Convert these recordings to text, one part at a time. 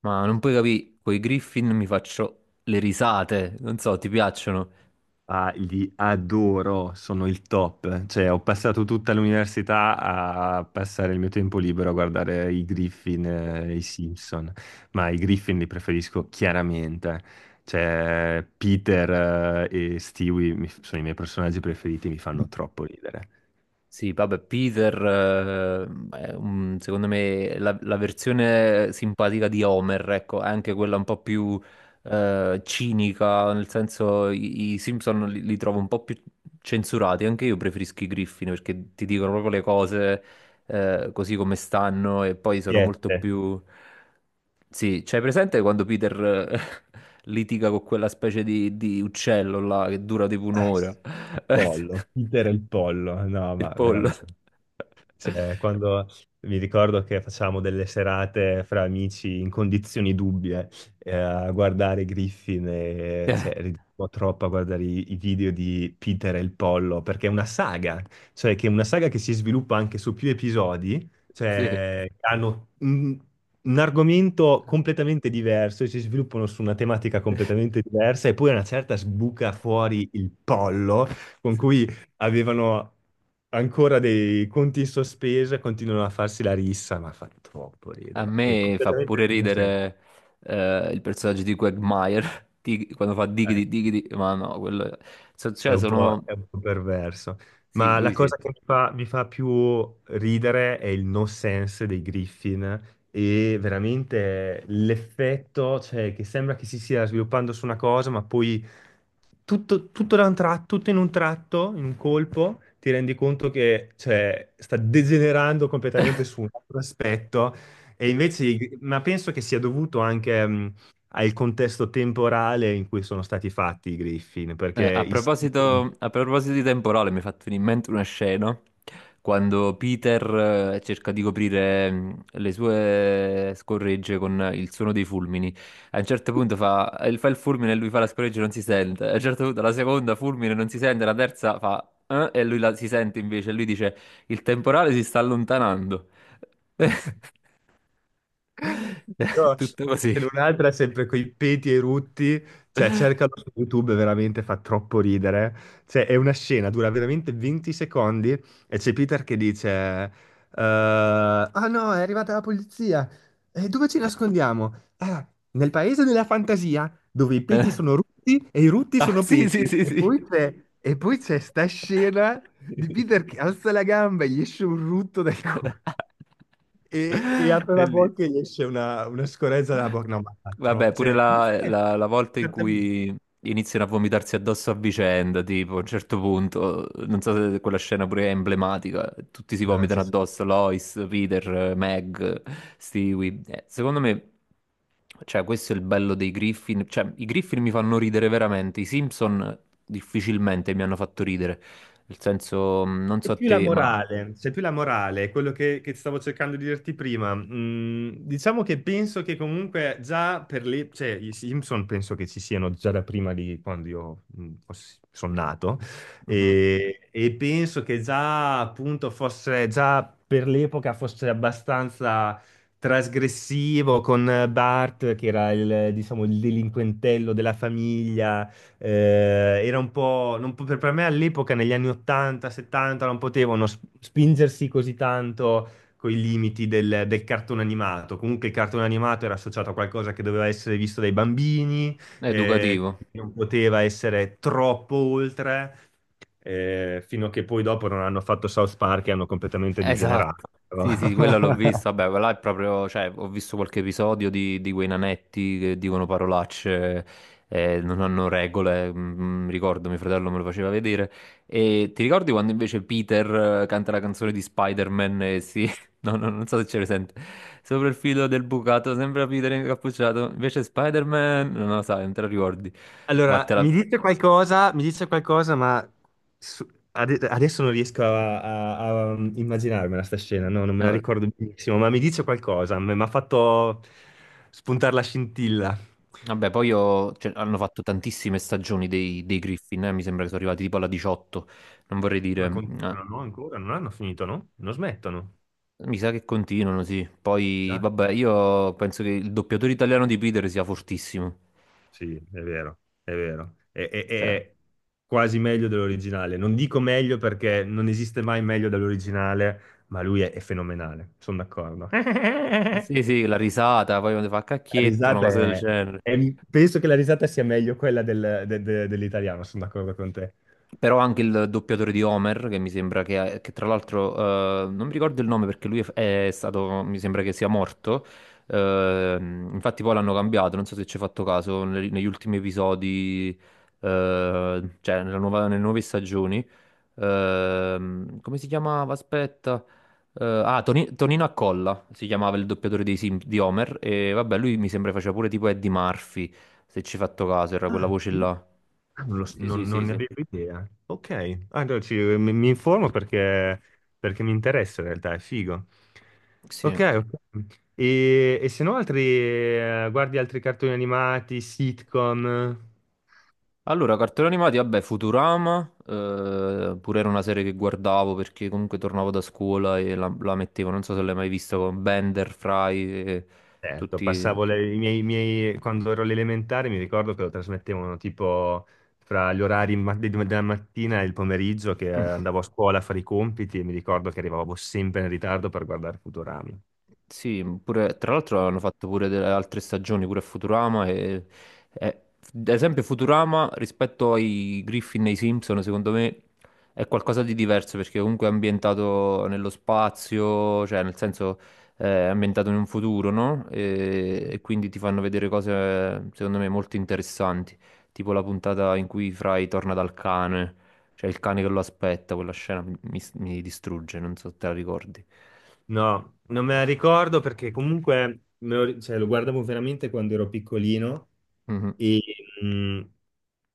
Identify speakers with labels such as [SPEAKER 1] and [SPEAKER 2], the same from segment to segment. [SPEAKER 1] Ma non puoi capire, coi Griffin mi faccio le risate, non so, ti piacciono?
[SPEAKER 2] Ah, li adoro, sono il top. Cioè, ho passato tutta l'università a passare il mio tempo libero a guardare i Griffin e i Simpson, ma i Griffin li preferisco chiaramente. Cioè, Peter e Stewie sono i miei personaggi preferiti, mi fanno troppo ridere.
[SPEAKER 1] Sì, vabbè, Peter, è un- secondo me la versione simpatica di Homer, ecco, è anche quella un po' più cinica, nel senso i Simpson li trovo un po' più censurati, anche io preferisco i Griffin perché ti dicono proprio le cose così come stanno e poi sono molto
[SPEAKER 2] Siete.
[SPEAKER 1] più... Sì, c'hai presente quando Peter eh, litiga con quella specie di uccello là che dura tipo un'ora?
[SPEAKER 2] Sì, il pollo, Peter e il pollo, no,
[SPEAKER 1] Il
[SPEAKER 2] ma
[SPEAKER 1] pollo.
[SPEAKER 2] veramente. Cioè, quando mi ricordo che facciamo delle serate fra amici in condizioni dubbie a guardare Griffin, e,
[SPEAKER 1] Cioè,
[SPEAKER 2] cioè, ridevamo troppo a guardare i video di Peter e il Pollo, perché è una saga, cioè che è una saga che si sviluppa anche su più episodi,
[SPEAKER 1] sì.
[SPEAKER 2] cioè hanno un argomento completamente diverso e si sviluppano su una tematica completamente diversa e poi a una certa sbuca fuori il Pollo con
[SPEAKER 1] Sì.
[SPEAKER 2] cui avevano ancora dei conti in sospeso e continuano a farsi la rissa, ma fa troppo
[SPEAKER 1] A
[SPEAKER 2] ridere. È
[SPEAKER 1] me fa pure
[SPEAKER 2] completamente non c'è.
[SPEAKER 1] ridere il personaggio di Quagmire, quando fa
[SPEAKER 2] Eh.
[SPEAKER 1] diggity diggity, ma no, quello... Cioè, sono...
[SPEAKER 2] È un po' perverso.
[SPEAKER 1] Sì,
[SPEAKER 2] Ma la
[SPEAKER 1] lui sì.
[SPEAKER 2] cosa che mi fa più ridere è il no sense dei Griffin e veramente l'effetto, cioè, che sembra che si stia sviluppando su una cosa, ma poi tutto in un tratto, in un colpo, ti rendi conto che, cioè, sta degenerando completamente su un altro aspetto. E invece, ma penso che sia dovuto anche al contesto temporale in cui sono stati fatti i Griffin, perché i Simpson...
[SPEAKER 1] A proposito di temporale, mi è fatto venire in mente una scena quando Peter cerca di coprire le sue scorregge con il suono dei fulmini. A un certo punto fa, fa il fulmine e lui fa la scorreggia e non si sente. A un certo punto la seconda fulmine non si sente, la terza fa e lui la, si sente invece. E lui dice: Il temporale si sta allontanando.
[SPEAKER 2] No,
[SPEAKER 1] Tutto così.
[SPEAKER 2] se non altro è sempre coi peti e i rutti, cioè cercalo su YouTube, veramente fa troppo ridere. Cioè, è una scena, dura veramente 20 secondi e c'è Peter che dice: "Ah no, è arrivata la polizia. E dove ci nascondiamo? Ah, nel paese della fantasia, dove i
[SPEAKER 1] Eh.
[SPEAKER 2] peti sono rutti e i rutti
[SPEAKER 1] Ah,
[SPEAKER 2] sono
[SPEAKER 1] sì, sì,
[SPEAKER 2] peti."
[SPEAKER 1] sì,
[SPEAKER 2] E
[SPEAKER 1] sì.
[SPEAKER 2] poi c'è e poi c'è sta scena di Peter che alza la gamba e gli esce un rutto dal culo. E apre la
[SPEAKER 1] Bellissimo.
[SPEAKER 2] bocca e gli esce una scorezza dalla bocca. No, ma fa
[SPEAKER 1] Vabbè,
[SPEAKER 2] troppo.
[SPEAKER 1] pure
[SPEAKER 2] Cioè, non scherzo,
[SPEAKER 1] la volta in
[SPEAKER 2] esattamente.
[SPEAKER 1] cui iniziano a vomitarsi addosso a vicenda, tipo a un certo punto, non so se quella scena pure è emblematica, tutti si
[SPEAKER 2] No,
[SPEAKER 1] vomitano
[SPEAKER 2] ci
[SPEAKER 1] addosso, Lois, Peter, Meg, Stewie. Secondo me, cioè, questo è il bello dei Griffin, cioè, i Griffin mi fanno ridere veramente, i Simpson difficilmente mi hanno fatto ridere, nel senso, non
[SPEAKER 2] È
[SPEAKER 1] so a
[SPEAKER 2] più la
[SPEAKER 1] te, ma...
[SPEAKER 2] morale, c'è più la morale, quello che stavo cercando di dirti prima. Mm, diciamo che penso che comunque già per le, cioè, i Simpson penso che ci siano già da prima di quando io sono nato
[SPEAKER 1] Mhm.
[SPEAKER 2] e penso che già appunto fosse, già per l'epoca fosse abbastanza trasgressivo con Bart, che era il, diciamo, il delinquentello della famiglia era un po', non po- per me all'epoca, negli anni 80, 70, non potevano spingersi così tanto con i limiti del cartone animato. Comunque il cartone animato era associato a qualcosa che doveva essere visto dai bambini,
[SPEAKER 1] È
[SPEAKER 2] eh,
[SPEAKER 1] educativo.
[SPEAKER 2] non poteva essere troppo oltre, fino a che poi dopo non hanno fatto South Park e hanno completamente
[SPEAKER 1] Esatto,
[SPEAKER 2] degenerato. Però.
[SPEAKER 1] sì, sì, quella l'ho vista. Vabbè, quella è proprio, cioè, ho visto qualche episodio di quei nanetti che dicono parolacce, non hanno regole. Ricordo, mio fratello me lo faceva vedere. E ti ricordi quando invece Peter canta la canzone di Spider-Man? E si... No, no, non so se ce presente. Sopra il filo del bucato, sembra Peter incappucciato. Invece Spider-Man, non lo sai, non te la ricordi.
[SPEAKER 2] Allora,
[SPEAKER 1] Vattela.
[SPEAKER 2] mi dice qualcosa, ma su- adesso non riesco a immaginarmela sta scena, no, non me la
[SPEAKER 1] No,
[SPEAKER 2] ricordo benissimo, ma mi dice qualcosa, mi ha fatto spuntare la scintilla.
[SPEAKER 1] vabbè, cioè, hanno fatto tantissime stagioni dei Griffin, mi sembra che sono arrivati tipo alla 18, non vorrei
[SPEAKER 2] Ma
[SPEAKER 1] dire,
[SPEAKER 2] continuano, no? Ancora? Non hanno finito, no? Non smettono.
[SPEAKER 1] mi sa che continuano, sì. Poi,
[SPEAKER 2] Ah,
[SPEAKER 1] vabbè, io penso che il doppiatore italiano di Peter sia fortissimo.
[SPEAKER 2] sì, è vero, è vero. È, è-
[SPEAKER 1] Cioè,
[SPEAKER 2] è quasi meglio dell'originale. Non dico meglio perché non esiste mai meglio dell'originale, ma lui è fenomenale, sono d'accordo.
[SPEAKER 1] sì, sì, la risata, poi quando fa
[SPEAKER 2] La
[SPEAKER 1] cacchietto, una
[SPEAKER 2] risata
[SPEAKER 1] cosa del genere.
[SPEAKER 2] è- Penso che la risata sia meglio quella dell'italiano, sono d'accordo con te.
[SPEAKER 1] Però anche il doppiatore di Homer, che mi sembra che tra l'altro, non mi ricordo il nome perché lui è stato, mi sembra che sia morto. Infatti poi l'hanno cambiato, non so se ci hai fatto caso, negli ultimi episodi, cioè nelle nuove stagioni. Come si chiamava? Aspetta. Ah, Tonino Accolla si chiamava il doppiatore di Homer. E vabbè, lui mi sembra faceva pure tipo Eddie Murphy, se ci hai fatto caso, era
[SPEAKER 2] Ah,
[SPEAKER 1] quella voce
[SPEAKER 2] sì?
[SPEAKER 1] là.
[SPEAKER 2] Ah, Non, lo s-
[SPEAKER 1] Sì,
[SPEAKER 2] non-
[SPEAKER 1] sì,
[SPEAKER 2] non
[SPEAKER 1] sì,
[SPEAKER 2] ne
[SPEAKER 1] sì.
[SPEAKER 2] avevo idea. Ok. Ah, allora mi informo perché mi interessa in realtà, è figo.
[SPEAKER 1] Sì.
[SPEAKER 2] Ok, ok. E se no altri, guardi altri cartoni animati, sitcom?
[SPEAKER 1] Allora, cartoni animati, vabbè, Futurama, pure era una serie che guardavo perché comunque tornavo da scuola e la mettevo, non so se l'hai mai vista con Bender, Fry e
[SPEAKER 2] Certo,
[SPEAKER 1] tutti...
[SPEAKER 2] passavo quando ero alle elementari mi ricordo che lo trasmettevano tipo fra gli orari della mattina e il pomeriggio che andavo a scuola a fare i compiti e mi ricordo che arrivavo sempre in ritardo per guardare Futurama.
[SPEAKER 1] Sì, mhmm, pure, tra l'altro hanno fatto pure delle altre stagioni, pure a Futurama e ad esempio Futurama rispetto ai Griffin e ai Simpson, secondo me è qualcosa di diverso perché comunque è ambientato nello spazio, cioè nel senso è ambientato in un futuro, no? E quindi ti fanno vedere cose secondo me molto interessanti, tipo la puntata in cui Fry torna dal cane, cioè il cane che lo aspetta, quella scena mi distrugge, non so se te la ricordi.
[SPEAKER 2] No, non me la ricordo perché comunque cioè, lo guardavo veramente quando ero piccolino
[SPEAKER 1] Mhm.
[SPEAKER 2] e, mhmm,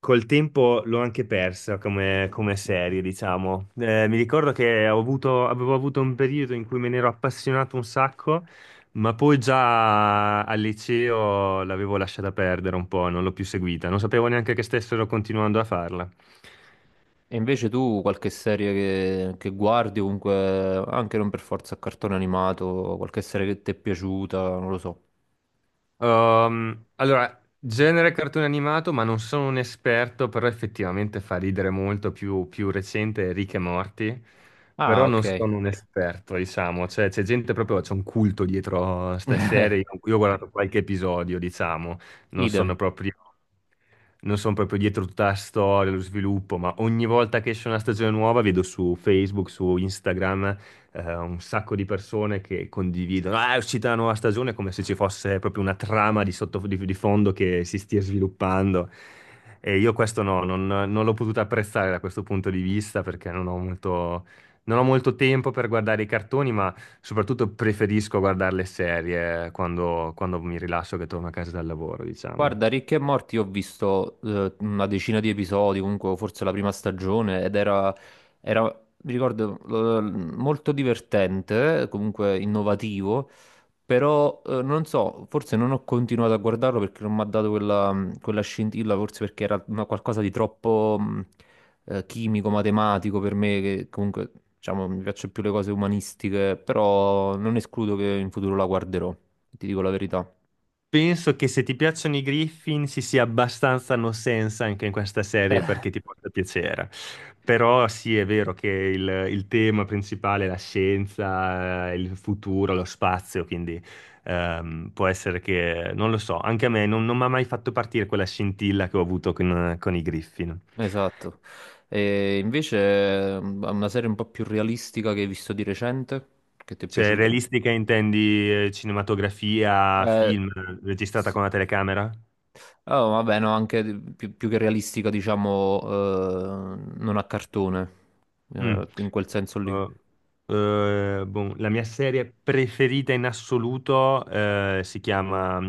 [SPEAKER 2] Col tempo l'ho anche persa come serie, diciamo. Mi ricordo che avevo avuto un periodo in cui me ne ero appassionato un sacco, ma poi già al liceo l'avevo lasciata perdere un po', non l'ho più seguita, non sapevo neanche che stessero continuando a farla.
[SPEAKER 1] E invece tu qualche serie che guardi, comunque, anche non per forza a cartone animato, qualche serie che ti è piaciuta, non lo so.
[SPEAKER 2] Allora, genere cartone animato, ma non sono un esperto, però effettivamente fa ridere molto più recente Rick e Morty,
[SPEAKER 1] Ah,
[SPEAKER 2] però non
[SPEAKER 1] ok.
[SPEAKER 2] sono un esperto, diciamo, cioè c'è gente proprio, c'è un culto dietro a ste serie, in cui io ho guardato qualche episodio, diciamo, non
[SPEAKER 1] Idem.
[SPEAKER 2] sono proprio, non sono proprio dietro tutta la storia, lo sviluppo, ma ogni volta che esce una stagione nuova vedo su Facebook, su Instagram un sacco di persone che condividono, ah, è uscita la nuova stagione, come se ci fosse proprio una trama di, sotto, di fondo che si stia sviluppando. E io questo no, non l'ho potuto apprezzare da questo punto di vista perché non ho molto, non ho molto tempo per guardare i cartoni, ma soprattutto preferisco guardare le serie quando mi rilasso che torno a casa dal lavoro, diciamo.
[SPEAKER 1] Guarda, Rick e Morty ho visto una decina di episodi, comunque forse la prima stagione, era, mi ricordo, molto divertente, comunque innovativo. Però non so, forse non ho continuato a guardarlo perché non mi ha dato quella scintilla, forse perché era una- qualcosa di troppo chimico, matematico per me, che comunque diciamo mi piacciono più le cose umanistiche, però non escludo che in futuro la guarderò, ti dico la verità.
[SPEAKER 2] Penso che se ti piacciono i Griffin si sia abbastanza no sense anche in questa serie perché ti porta piacere. Però sì, è vero che il tema principale è la scienza, il futuro, lo spazio, quindi può essere che, non lo so, anche a me non mi ha mai fatto partire quella scintilla che ho avuto con i Griffin.
[SPEAKER 1] Esatto. E invece una serie un po' più realistica che hai visto di recente, che ti è
[SPEAKER 2] Cioè,
[SPEAKER 1] piaciuta?
[SPEAKER 2] realistica intendi cinematografia,
[SPEAKER 1] Eh,
[SPEAKER 2] film registrata
[SPEAKER 1] sì.
[SPEAKER 2] con la telecamera?
[SPEAKER 1] Oh, vabbè, no, anche più, più che realistica, diciamo, non a cartone,
[SPEAKER 2] Mm.
[SPEAKER 1] in quel senso lì.
[SPEAKER 2] Eh, boh, la mia serie preferita in assoluto si chiama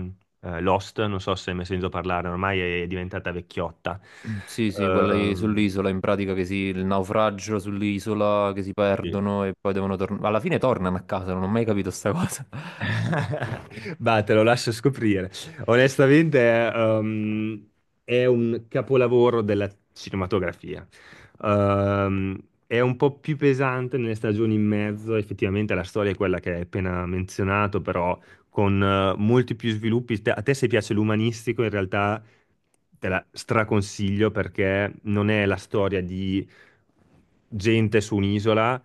[SPEAKER 2] Lost, non so se mi hai sentito parlare, ormai è diventata vecchiotta.
[SPEAKER 1] Sì, sì, quella lì
[SPEAKER 2] Ehm,
[SPEAKER 1] sull'isola, in pratica il naufragio sull'isola, che si
[SPEAKER 2] sì.
[SPEAKER 1] perdono e poi devono tornare. Alla fine tornano a casa, non ho mai capito sta cosa.
[SPEAKER 2] Bah, te lo lascio scoprire. Onestamente, è ehm, è un capolavoro della cinematografia. Ehm, è un po' più pesante nelle stagioni in mezzo, effettivamente la storia è quella che hai appena menzionato, però con molti più sviluppi. A te se piace l'umanistico, in realtà te la straconsiglio perché non è la storia di gente su un'isola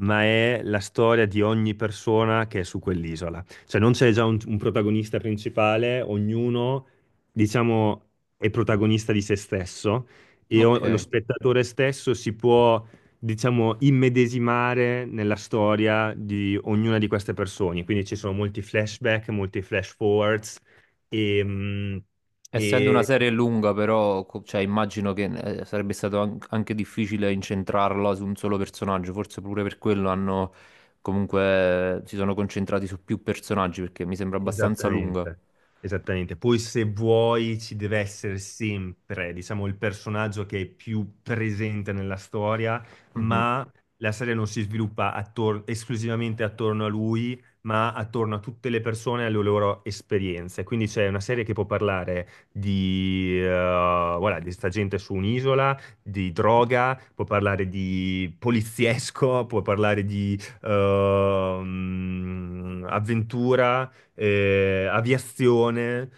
[SPEAKER 2] ma è la storia di ogni persona che è su quell'isola. Cioè non c'è già un protagonista principale, ognuno, diciamo, è protagonista di se stesso e lo
[SPEAKER 1] Ok.
[SPEAKER 2] spettatore stesso si può, diciamo, immedesimare nella storia di ognuna di queste persone. Quindi ci sono molti flashback, molti flash forwards e... mm,
[SPEAKER 1] Essendo una
[SPEAKER 2] e-
[SPEAKER 1] serie lunga, però, cioè, immagino che sarebbe stato anche difficile incentrarla su un solo personaggio, forse pure per quello hanno comunque si sono concentrati su più personaggi perché mi sembra abbastanza lunga.
[SPEAKER 2] Esattamente, esattamente. Poi se vuoi ci deve essere sempre, diciamo, il personaggio che è più presente nella storia,
[SPEAKER 1] Mhm.
[SPEAKER 2] ma la serie non si sviluppa esclusivamente attorno a lui, ma attorno a tutte le persone e alle loro esperienze. Quindi c'è una serie che può parlare di, voilà, di sta gente su un'isola, di droga, può parlare di poliziesco, può parlare di avventura aviazione,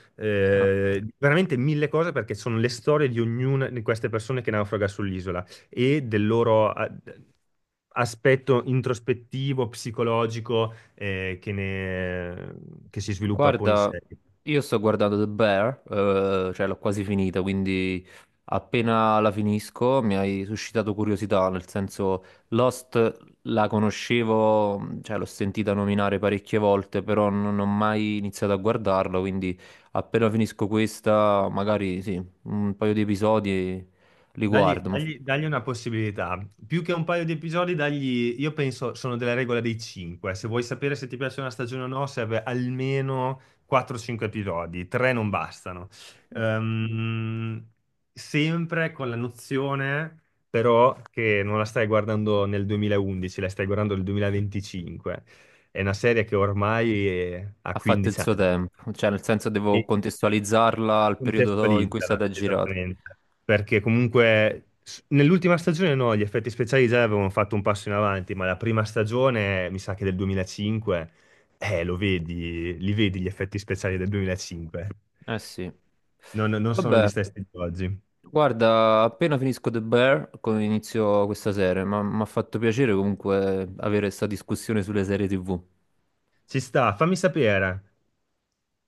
[SPEAKER 1] Ah.
[SPEAKER 2] veramente mille cose perché sono le storie di ognuna di queste persone che naufraga sull'isola e del loro aspetto introspettivo, psicologico, che si sviluppa poi in
[SPEAKER 1] Guarda,
[SPEAKER 2] serie.
[SPEAKER 1] io sto guardando The Bear, cioè l'ho quasi finita, quindi appena la finisco mi hai suscitato curiosità, nel senso Lost la conoscevo, cioè l'ho sentita nominare parecchie volte, però non ho mai iniziato a guardarla, quindi appena finisco questa, magari sì, un paio di episodi li
[SPEAKER 2] Dagli,
[SPEAKER 1] guardo,
[SPEAKER 2] dagli- dagli una possibilità. Più che un paio di episodi, dagli, io penso, sono della regola dei 5. Se vuoi sapere se ti piace una stagione o no, serve almeno 4-5 episodi. 3 non bastano. Ehm, sempre con la nozione, però, che non la stai guardando nel 2011, la stai guardando nel 2025. È una serie che ormai ha
[SPEAKER 1] ha fatto il
[SPEAKER 2] 15
[SPEAKER 1] suo
[SPEAKER 2] anni.
[SPEAKER 1] tempo, cioè nel senso devo contestualizzarla al periodo in cui è stata
[SPEAKER 2] Contestualizzala,
[SPEAKER 1] girata.
[SPEAKER 2] esattamente, perché comunque nell'ultima stagione no, gli effetti speciali già avevano fatto un passo in avanti, ma la prima stagione, mi sa che del 2005, lo vedi, li vedi gli effetti speciali del 2005.
[SPEAKER 1] Eh sì.
[SPEAKER 2] Non sono gli
[SPEAKER 1] Vabbè,
[SPEAKER 2] stessi di oggi.
[SPEAKER 1] guarda, appena finisco The Bear, inizio questa serie, ma mi ha fatto piacere comunque avere questa discussione sulle serie TV.
[SPEAKER 2] Ci sta, fammi sapere.